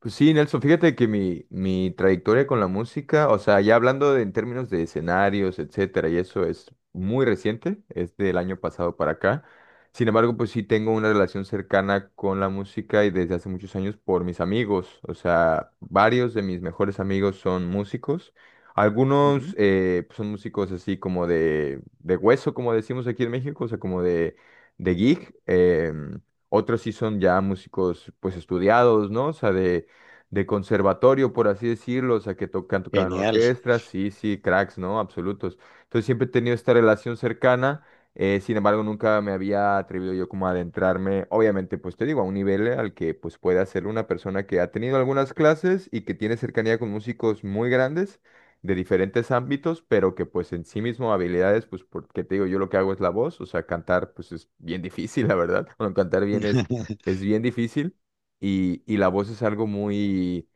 Pues sí, Nelson, fíjate que mi trayectoria con la música, o sea, ya hablando en términos de escenarios, etcétera, y eso es muy reciente, es del año pasado para acá. Sin embargo, pues sí tengo una relación cercana con la música y desde hace muchos años por mis amigos. O sea, varios de mis mejores amigos son músicos. Algunos Ujú. Pues, son músicos así como de hueso, como decimos aquí en México, o sea, como de gig. Otros sí son ya músicos pues estudiados, ¿no? O sea, de conservatorio, por así decirlo, o sea, que han tocado en Genial. orquestas, sí, sí, cracks, ¿no? Absolutos. Entonces siempre he tenido esta relación cercana, sin embargo, nunca me había atrevido yo como a adentrarme, obviamente, pues te digo, a un nivel al que pues puede hacer una persona que ha tenido algunas clases y que tiene cercanía con músicos muy grandes de diferentes ámbitos, pero que pues en sí mismo habilidades, pues porque te digo, yo lo que hago es la voz, o sea, cantar pues es bien difícil, la verdad, bueno, cantar bien es bien difícil, y la voz es algo muy,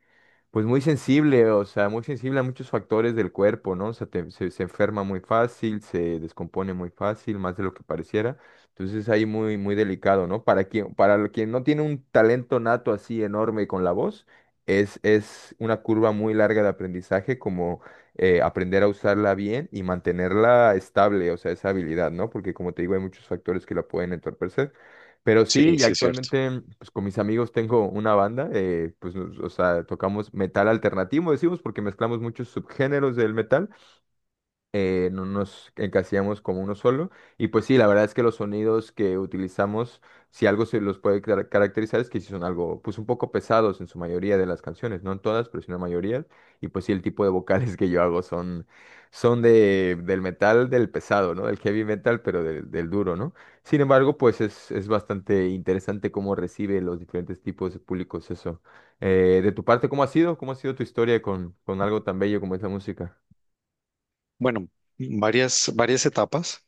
pues muy sensible, o sea, muy sensible a muchos factores del cuerpo, ¿no? O sea, se enferma muy fácil, se descompone muy fácil, más de lo que pareciera. Entonces ahí muy, muy delicado, ¿no? Para quien, quien no tiene un talento nato así enorme con la voz, es una curva muy larga de aprendizaje, como aprender a usarla bien y mantenerla estable, o sea, esa habilidad, ¿no? Porque como te digo, hay muchos factores que la pueden entorpecer. Pero sí, Sí, y sí es cierto. actualmente pues con mis amigos tengo una banda, pues o sea, tocamos metal alternativo, decimos, porque mezclamos muchos subgéneros del metal no nos encasillamos como uno solo. Y pues sí, la verdad es que los sonidos que utilizamos, si algo se los puede caracterizar, es que sí son algo, pues un poco pesados en su mayoría de las canciones, no en todas, pero sí en la mayoría. Y pues sí, el tipo de vocales que yo hago son, son de, del metal, del pesado, ¿no? Del heavy metal, pero del duro, ¿no? Sin embargo, pues es bastante interesante cómo recibe los diferentes tipos de públicos eso. De tu parte, ¿cómo ha sido? ¿Cómo ha sido tu historia con algo tan bello como es la música? Bueno, varias, varias etapas.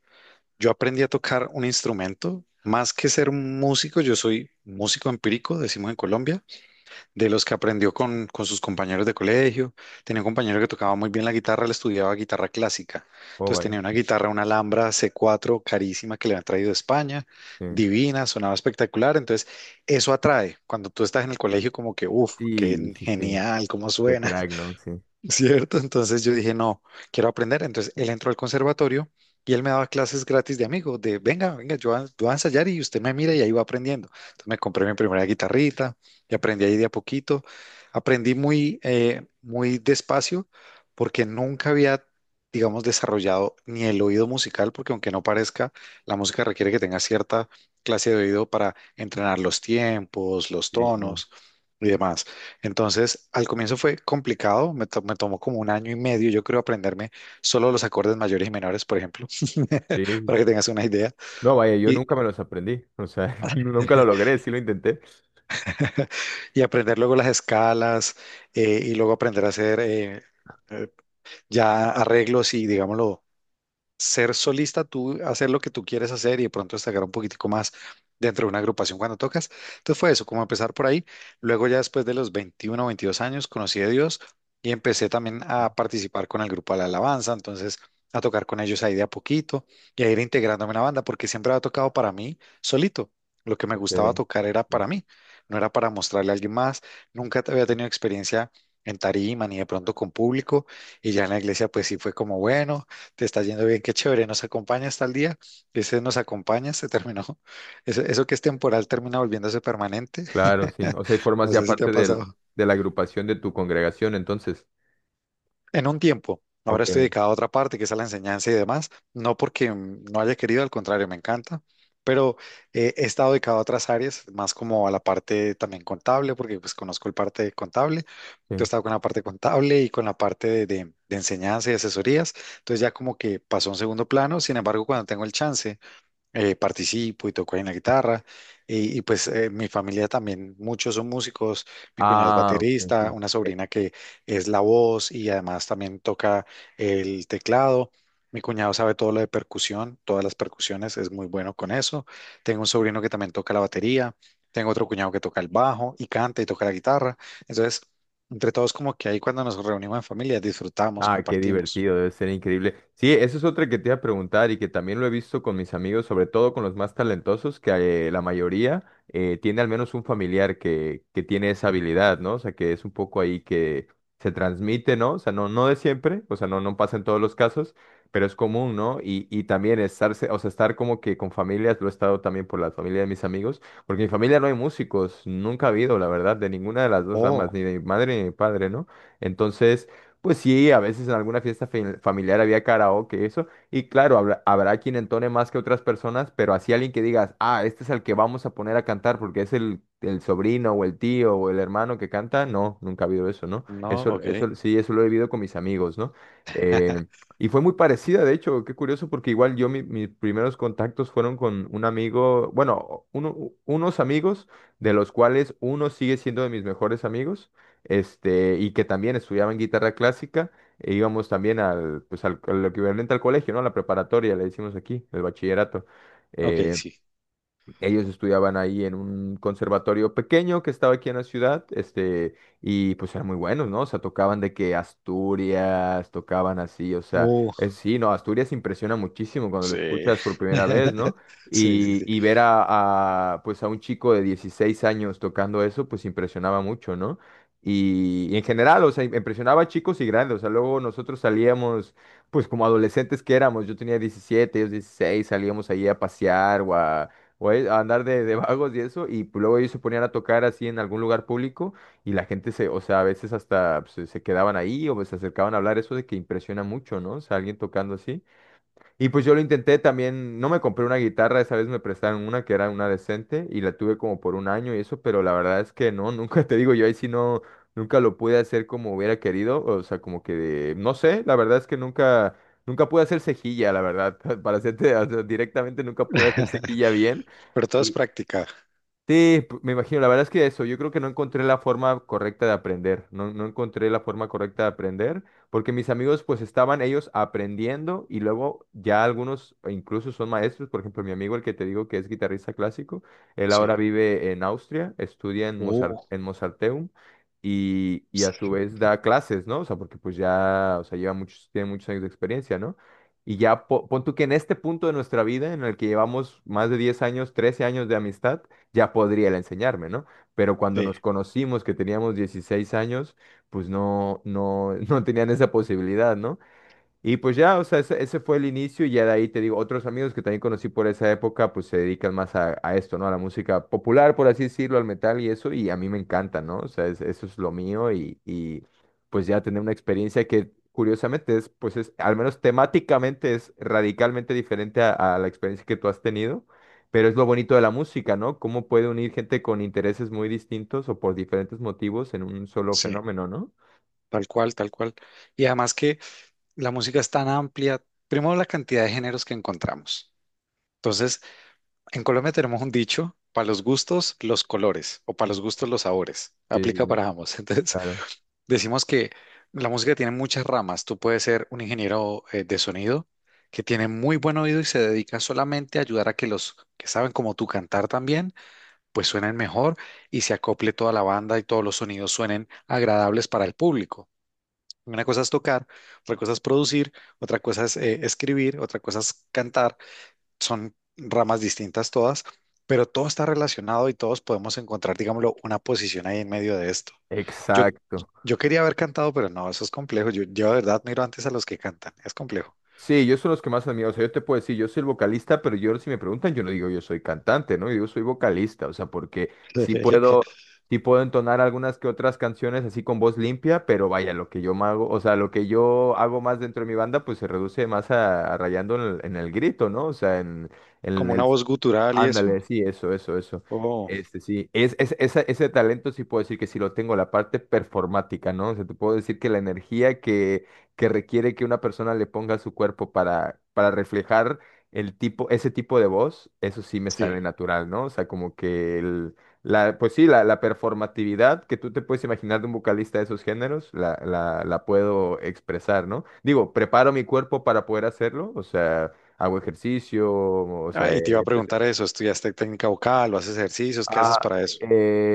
Yo aprendí a tocar un instrumento. Más que ser un músico, yo soy músico empírico, decimos en Colombia, de los que aprendió con sus compañeros de colegio. Tenía un compañero que tocaba muy bien la guitarra, él estudiaba guitarra clásica. Oh, Entonces vaya. tenía una guitarra, una Alhambra c cuatro carísima que le han traído de España, Sí. divina, sonaba espectacular. Entonces eso atrae. Cuando tú estás en el colegio, como que, uff, Sí, qué sí, sí. genial, cómo Qué suena. crack, ¿no? Sí. ¿Cierto? Entonces yo dije, no, quiero aprender. Entonces él entró al conservatorio y él me daba clases gratis de amigo, de venga, venga, yo voy a ensayar y usted me mira y ahí va aprendiendo. Entonces me compré mi primera guitarrita y aprendí ahí de a poquito. Aprendí muy, muy despacio porque nunca había, digamos, desarrollado ni el oído musical, porque aunque no parezca, la música requiere que tenga cierta clase de oído para entrenar los tiempos, los Sí, sí, tonos y demás. Entonces, al comienzo fue complicado, me tomó como 1 año y medio, yo creo, aprenderme solo los acordes mayores y menores, por ejemplo, sí, para que sí. tengas una idea, No, vaya, yo y, nunca me los aprendí. O sea, nunca lo logré, sí lo intenté. y aprender luego las escalas, y luego aprender a hacer eh, ya arreglos y, digámoslo, ser solista, tú hacer lo que tú quieres hacer y de pronto destacar un poquitico más dentro de una agrupación cuando tocas. Entonces fue eso, como empezar por ahí. Luego ya después de los 21 o 22 años conocí a Dios y empecé también a participar con el grupo de la alabanza, entonces a tocar con ellos ahí de a poquito y a ir integrándome en la banda porque siempre había tocado para mí solito. Lo que me Ok, gustaba tocar era sí. para mí, no era para mostrarle a alguien más. Nunca había tenido experiencia en tarima ni de pronto con público y ya en la iglesia pues sí fue como bueno, te está yendo bien, qué chévere, nos acompaña hasta el día, ese nos acompaña, se terminó. Eso que es temporal termina volviéndose permanente. Claro, sí. O sea, hay formas No ya sé si te ha parte del, pasado. de la agrupación de tu congregación, entonces. En un tiempo, ahora Ok, estoy dedicado a otra parte, que es a la enseñanza y demás, no porque no haya querido, al contrario, me encanta, pero he estado dedicado a otras áreas, más como a la parte también contable, porque pues conozco el parte contable. Yo he sí. estado con la parte contable y con la parte de, de enseñanza y asesorías, entonces ya como que pasó a un segundo plano, sin embargo, cuando tengo el chance participo y toco ahí en la guitarra. Y pues mi familia también, muchos son músicos, mi cuñado es Ah, ok, baterista, sí. una sobrina que es la voz y además también toca el teclado. Mi cuñado sabe todo lo de percusión, todas las percusiones, es muy bueno con eso. Tengo un sobrino que también toca la batería, tengo otro cuñado que toca el bajo y canta y toca la guitarra. Entonces, entre todos como que ahí cuando nos reunimos en familia disfrutamos, Ah, qué compartimos. divertido, debe ser increíble. Sí, eso es otra que te iba a preguntar y que también lo he visto con mis amigos, sobre todo con los más talentosos, que la mayoría tiene al menos un familiar que tiene esa habilidad, ¿no? O sea, que es un poco ahí que se transmite, ¿no? O sea, no, no de siempre, o sea, no, no pasa en todos los casos, pero es común, ¿no? Y también estarse, o sea, estar como que con familias, lo he estado también por la familia de mis amigos, porque en mi familia no hay músicos, nunca ha habido, la verdad, de ninguna de las dos ramas, Oh, ni de mi madre ni de mi padre, ¿no? Entonces... Pues sí, a veces en alguna fiesta familiar había karaoke, eso. Y claro, habrá, habrá quien entone más que otras personas, pero así alguien que digas, ah, este es el que vamos a poner a cantar porque es el sobrino o el tío o el hermano que canta, no, nunca ha habido eso, ¿no? no, Eso, ok. eso sí, eso lo he vivido con mis amigos, ¿no? Eh, y fue muy parecida, de hecho, qué curioso, porque igual yo mis primeros contactos fueron con un amigo, bueno, unos amigos de los cuales uno sigue siendo de mis mejores amigos este, y que también estudiaban guitarra clásica, e íbamos también al, pues al, al equivalente al colegio, ¿no? A la preparatoria, le decimos aquí, el bachillerato. Ok, Eh, sí. Ellos estudiaban ahí en un conservatorio pequeño que estaba aquí en la ciudad, este, y pues eran muy buenos, ¿no? O sea, tocaban de que Asturias, tocaban así, o sea, Oh, sí, no, Asturias impresiona muchísimo cuando lo sí. escuchas por primera vez, ¿no? Sí, sí, sí. Y ver a, pues a un chico de 16 años tocando eso, pues impresionaba mucho, ¿no? Y en general, o sea, impresionaba a chicos y grandes, o sea, luego nosotros salíamos pues como adolescentes que éramos, yo tenía 17, ellos 16, salíamos ahí a pasear o a, güey, a andar de vagos y eso, y pues, luego ellos se ponían a tocar así en algún lugar público y la gente se, o sea, a veces hasta pues, se quedaban ahí o pues, se acercaban a hablar, eso de que impresiona mucho, ¿no? O sea, alguien tocando así. Y pues yo lo intenté también, no me compré una guitarra, esa vez me prestaron una que era una decente y la tuve como por un año y eso, pero la verdad es que no, nunca te digo, yo ahí sí no, nunca lo pude hacer como hubiera querido, o sea, como que, de- no sé, la verdad es que nunca, nunca pude hacer cejilla, la verdad, para hacerte, o sea, directamente nunca pude hacer cejilla bien. Pero todo es práctica. Sí, me imagino, la verdad es que eso, yo creo que no encontré la forma correcta de aprender, no, no encontré la forma correcta de aprender, porque mis amigos pues estaban ellos aprendiendo y luego ya algunos e incluso son maestros, por ejemplo, mi amigo el que te digo que es guitarrista clásico, él Sí. ahora vive en Austria, estudia en Mozart, Uh, en Mozarteum y a su vez da clases, ¿no? O sea, porque pues ya, o sea, lleva muchos, tiene muchos años de experiencia, ¿no? Y ya pon tú que en este punto de nuestra vida, en el que llevamos más de 10 años, 13 años de amistad, ya podría él enseñarme, ¿no? Pero cuando sí, nos conocimos, que teníamos 16 años, pues no, no, no tenían esa posibilidad, ¿no? Y pues ya, o sea, ese fue el inicio y ya de ahí te digo, otros amigos que también conocí por esa época, pues se dedican más a esto, ¿no? A la música popular, por así decirlo, al metal y eso, y a mí me encanta, ¿no? O sea, eso es lo mío y pues ya tener una experiencia que curiosamente es, pues es, al menos temáticamente es radicalmente diferente a la experiencia que tú has tenido, pero es lo bonito de la música, ¿no? Cómo puede unir gente con intereses muy distintos o por diferentes motivos en un solo sí. fenómeno, ¿no? Tal cual, tal cual. Y además que la música es tan amplia. Primero, la cantidad de géneros que encontramos. Entonces, en Colombia tenemos un dicho, para los gustos, los colores, o para los Mm. gustos, los sabores. Sí, sí, Aplica sí, para ambos. Entonces, claro. decimos que la música tiene muchas ramas. Tú puedes ser un ingeniero de sonido que tiene muy buen oído y se dedica solamente a ayudar a que los que saben como tú cantar también, pues suenen mejor y se acople toda la banda y todos los sonidos suenen agradables para el público. Una cosa es tocar, otra cosa es producir, otra cosa es escribir, otra cosa es cantar, son ramas distintas todas, pero todo está relacionado y todos podemos encontrar, digámoslo, una posición ahí en medio de esto. Yo, Exacto. yo quería haber cantado, pero no, eso es complejo. Yo de verdad miro antes a los que cantan, es complejo. Sí, yo soy los que más admiro. O sea, yo te puedo decir, yo soy el vocalista, pero yo si me preguntan, yo no digo yo soy cantante, ¿no? Yo digo soy vocalista, o sea, porque sí puedo entonar algunas que otras canciones así con voz limpia, pero vaya, lo que yo hago, o sea, lo que yo hago más dentro de mi banda, pues se reduce más a rayando en el grito, ¿no? O sea, en Como una el, voz gutural y eso. Ándale, sí, eso, eso, eso. Oh, Este, sí, es, ese talento sí puedo decir que sí lo tengo, la parte performática, ¿no? O sea, te puedo decir que la energía que requiere que una persona le ponga a su cuerpo para reflejar el tipo, ese tipo de voz, eso sí me sí. sale natural, ¿no? O sea, como que el, la, pues sí, la performatividad que tú te puedes imaginar de un vocalista de esos géneros, la puedo expresar, ¿no? Digo, preparo mi cuerpo para poder hacerlo, o sea, hago ejercicio, o Ah, sea, y te iba a etc. preguntar eso, ¿estudiaste técnica vocal o haces ejercicios? ¿Qué haces Ah, para eso?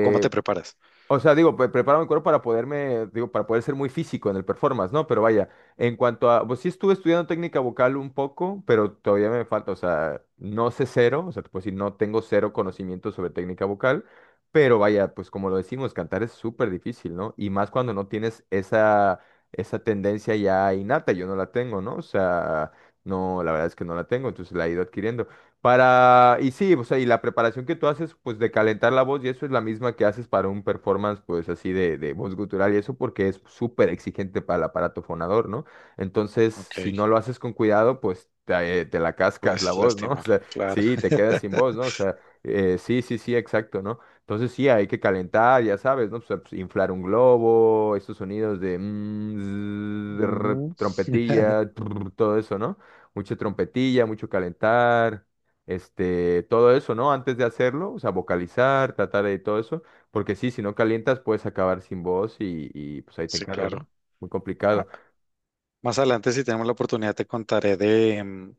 ¿Cómo te preparas? o sea, digo, preparo mi cuerpo para poderme, digo, para poder ser muy físico en el performance, ¿no? Pero vaya, en cuanto a, pues sí estuve estudiando técnica vocal un poco, pero todavía me falta, o sea, no sé cero, o sea, pues sí, no tengo cero conocimiento sobre técnica vocal, pero vaya, pues como lo decimos, cantar es súper difícil, ¿no? Y más cuando no tienes esa, esa tendencia ya innata, yo no la tengo, ¿no? O sea, no, la verdad es que no la tengo, entonces la he ido adquiriendo. Para, y sí, o sea, y la preparación que tú haces, pues de calentar la voz, y eso es la misma que haces para un performance, pues así de voz gutural, y eso porque es súper exigente para el aparato fonador, ¿no? Entonces, si Ok, no lo haces con cuidado, pues te, te la cascas la pues voz, ¿no? O lastimar, sea, claro. sí, te quedas sin voz, ¿no? O sea, sí, sí, sí, exacto, ¿no? Entonces, sí, hay que calentar, ya sabes, ¿no? O sea, pues, inflar un globo, estos sonidos de mm, zzzz, trr, Ujú. trompetilla, trr, todo eso, ¿no? Mucha trompetilla, mucho calentar este, todo eso, ¿no? Antes de hacerlo, o sea, vocalizar, tratar de todo eso, porque sí, si no calientas puedes acabar sin voz y, pues ahí te Sí, encargo, ¿no? claro. Muy A- complicado. Más adelante, si tenemos la oportunidad, te contaré de...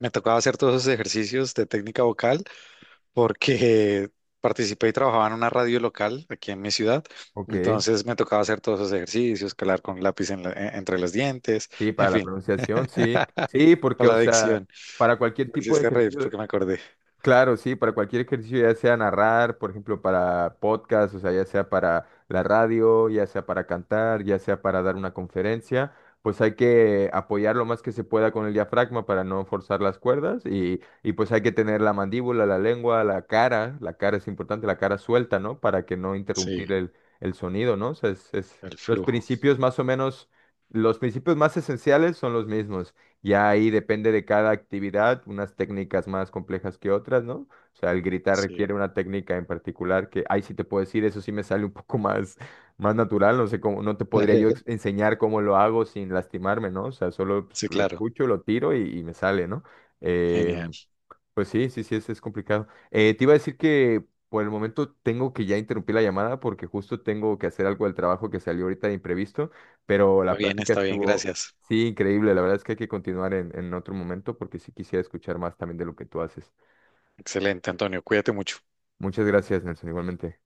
me tocaba hacer todos esos ejercicios de técnica vocal porque participé y trabajaba en una radio local aquí en mi ciudad. Ok, Entonces me tocaba hacer todos esos ejercicios, calar con lápiz entre los dientes, sí, en para la fin, pronunciación, sí, sí, porque, con la o sea, adicción. para cualquier Me tipo de hiciste reír ejercicio, porque me acordé. Claro, sí, para cualquier ejercicio, ya sea narrar, por ejemplo, para podcast, o sea, ya sea para la radio, ya sea para cantar, ya sea para dar una conferencia, pues hay que apoyar lo más que se pueda con el diafragma para no forzar las cuerdas y pues hay que tener la mandíbula, la lengua, la cara es importante, la cara suelta, ¿no? Para que no Sí, interrumpir el sonido, ¿no? O sea, es, el los flujo. principios más o menos, los principios más esenciales son los mismos. Ya ahí depende de cada actividad, unas técnicas más complejas que otras, ¿no? O sea, el gritar Sí. requiere una técnica en particular que, ay, sí te puedo decir, eso sí me sale un poco más, más natural, no sé cómo, no te podría yo enseñar cómo lo hago sin lastimarme, ¿no? O sea, solo pues, Sí, lo claro. escucho, lo tiro y me sale, ¿no? Genial. Em, pues sí, sí, sí, es complicado. Te iba a decir que por el momento tengo que ya interrumpir la llamada porque justo tengo que hacer algo del trabajo que salió ahorita de imprevisto, pero la Está bien, plática está bien. estuvo, Gracias. sí, increíble. La verdad es que hay que continuar en otro momento porque sí quisiera escuchar más también de lo que tú haces. Excelente, Antonio. Cuídate mucho. Muchas gracias, Nelson, igualmente.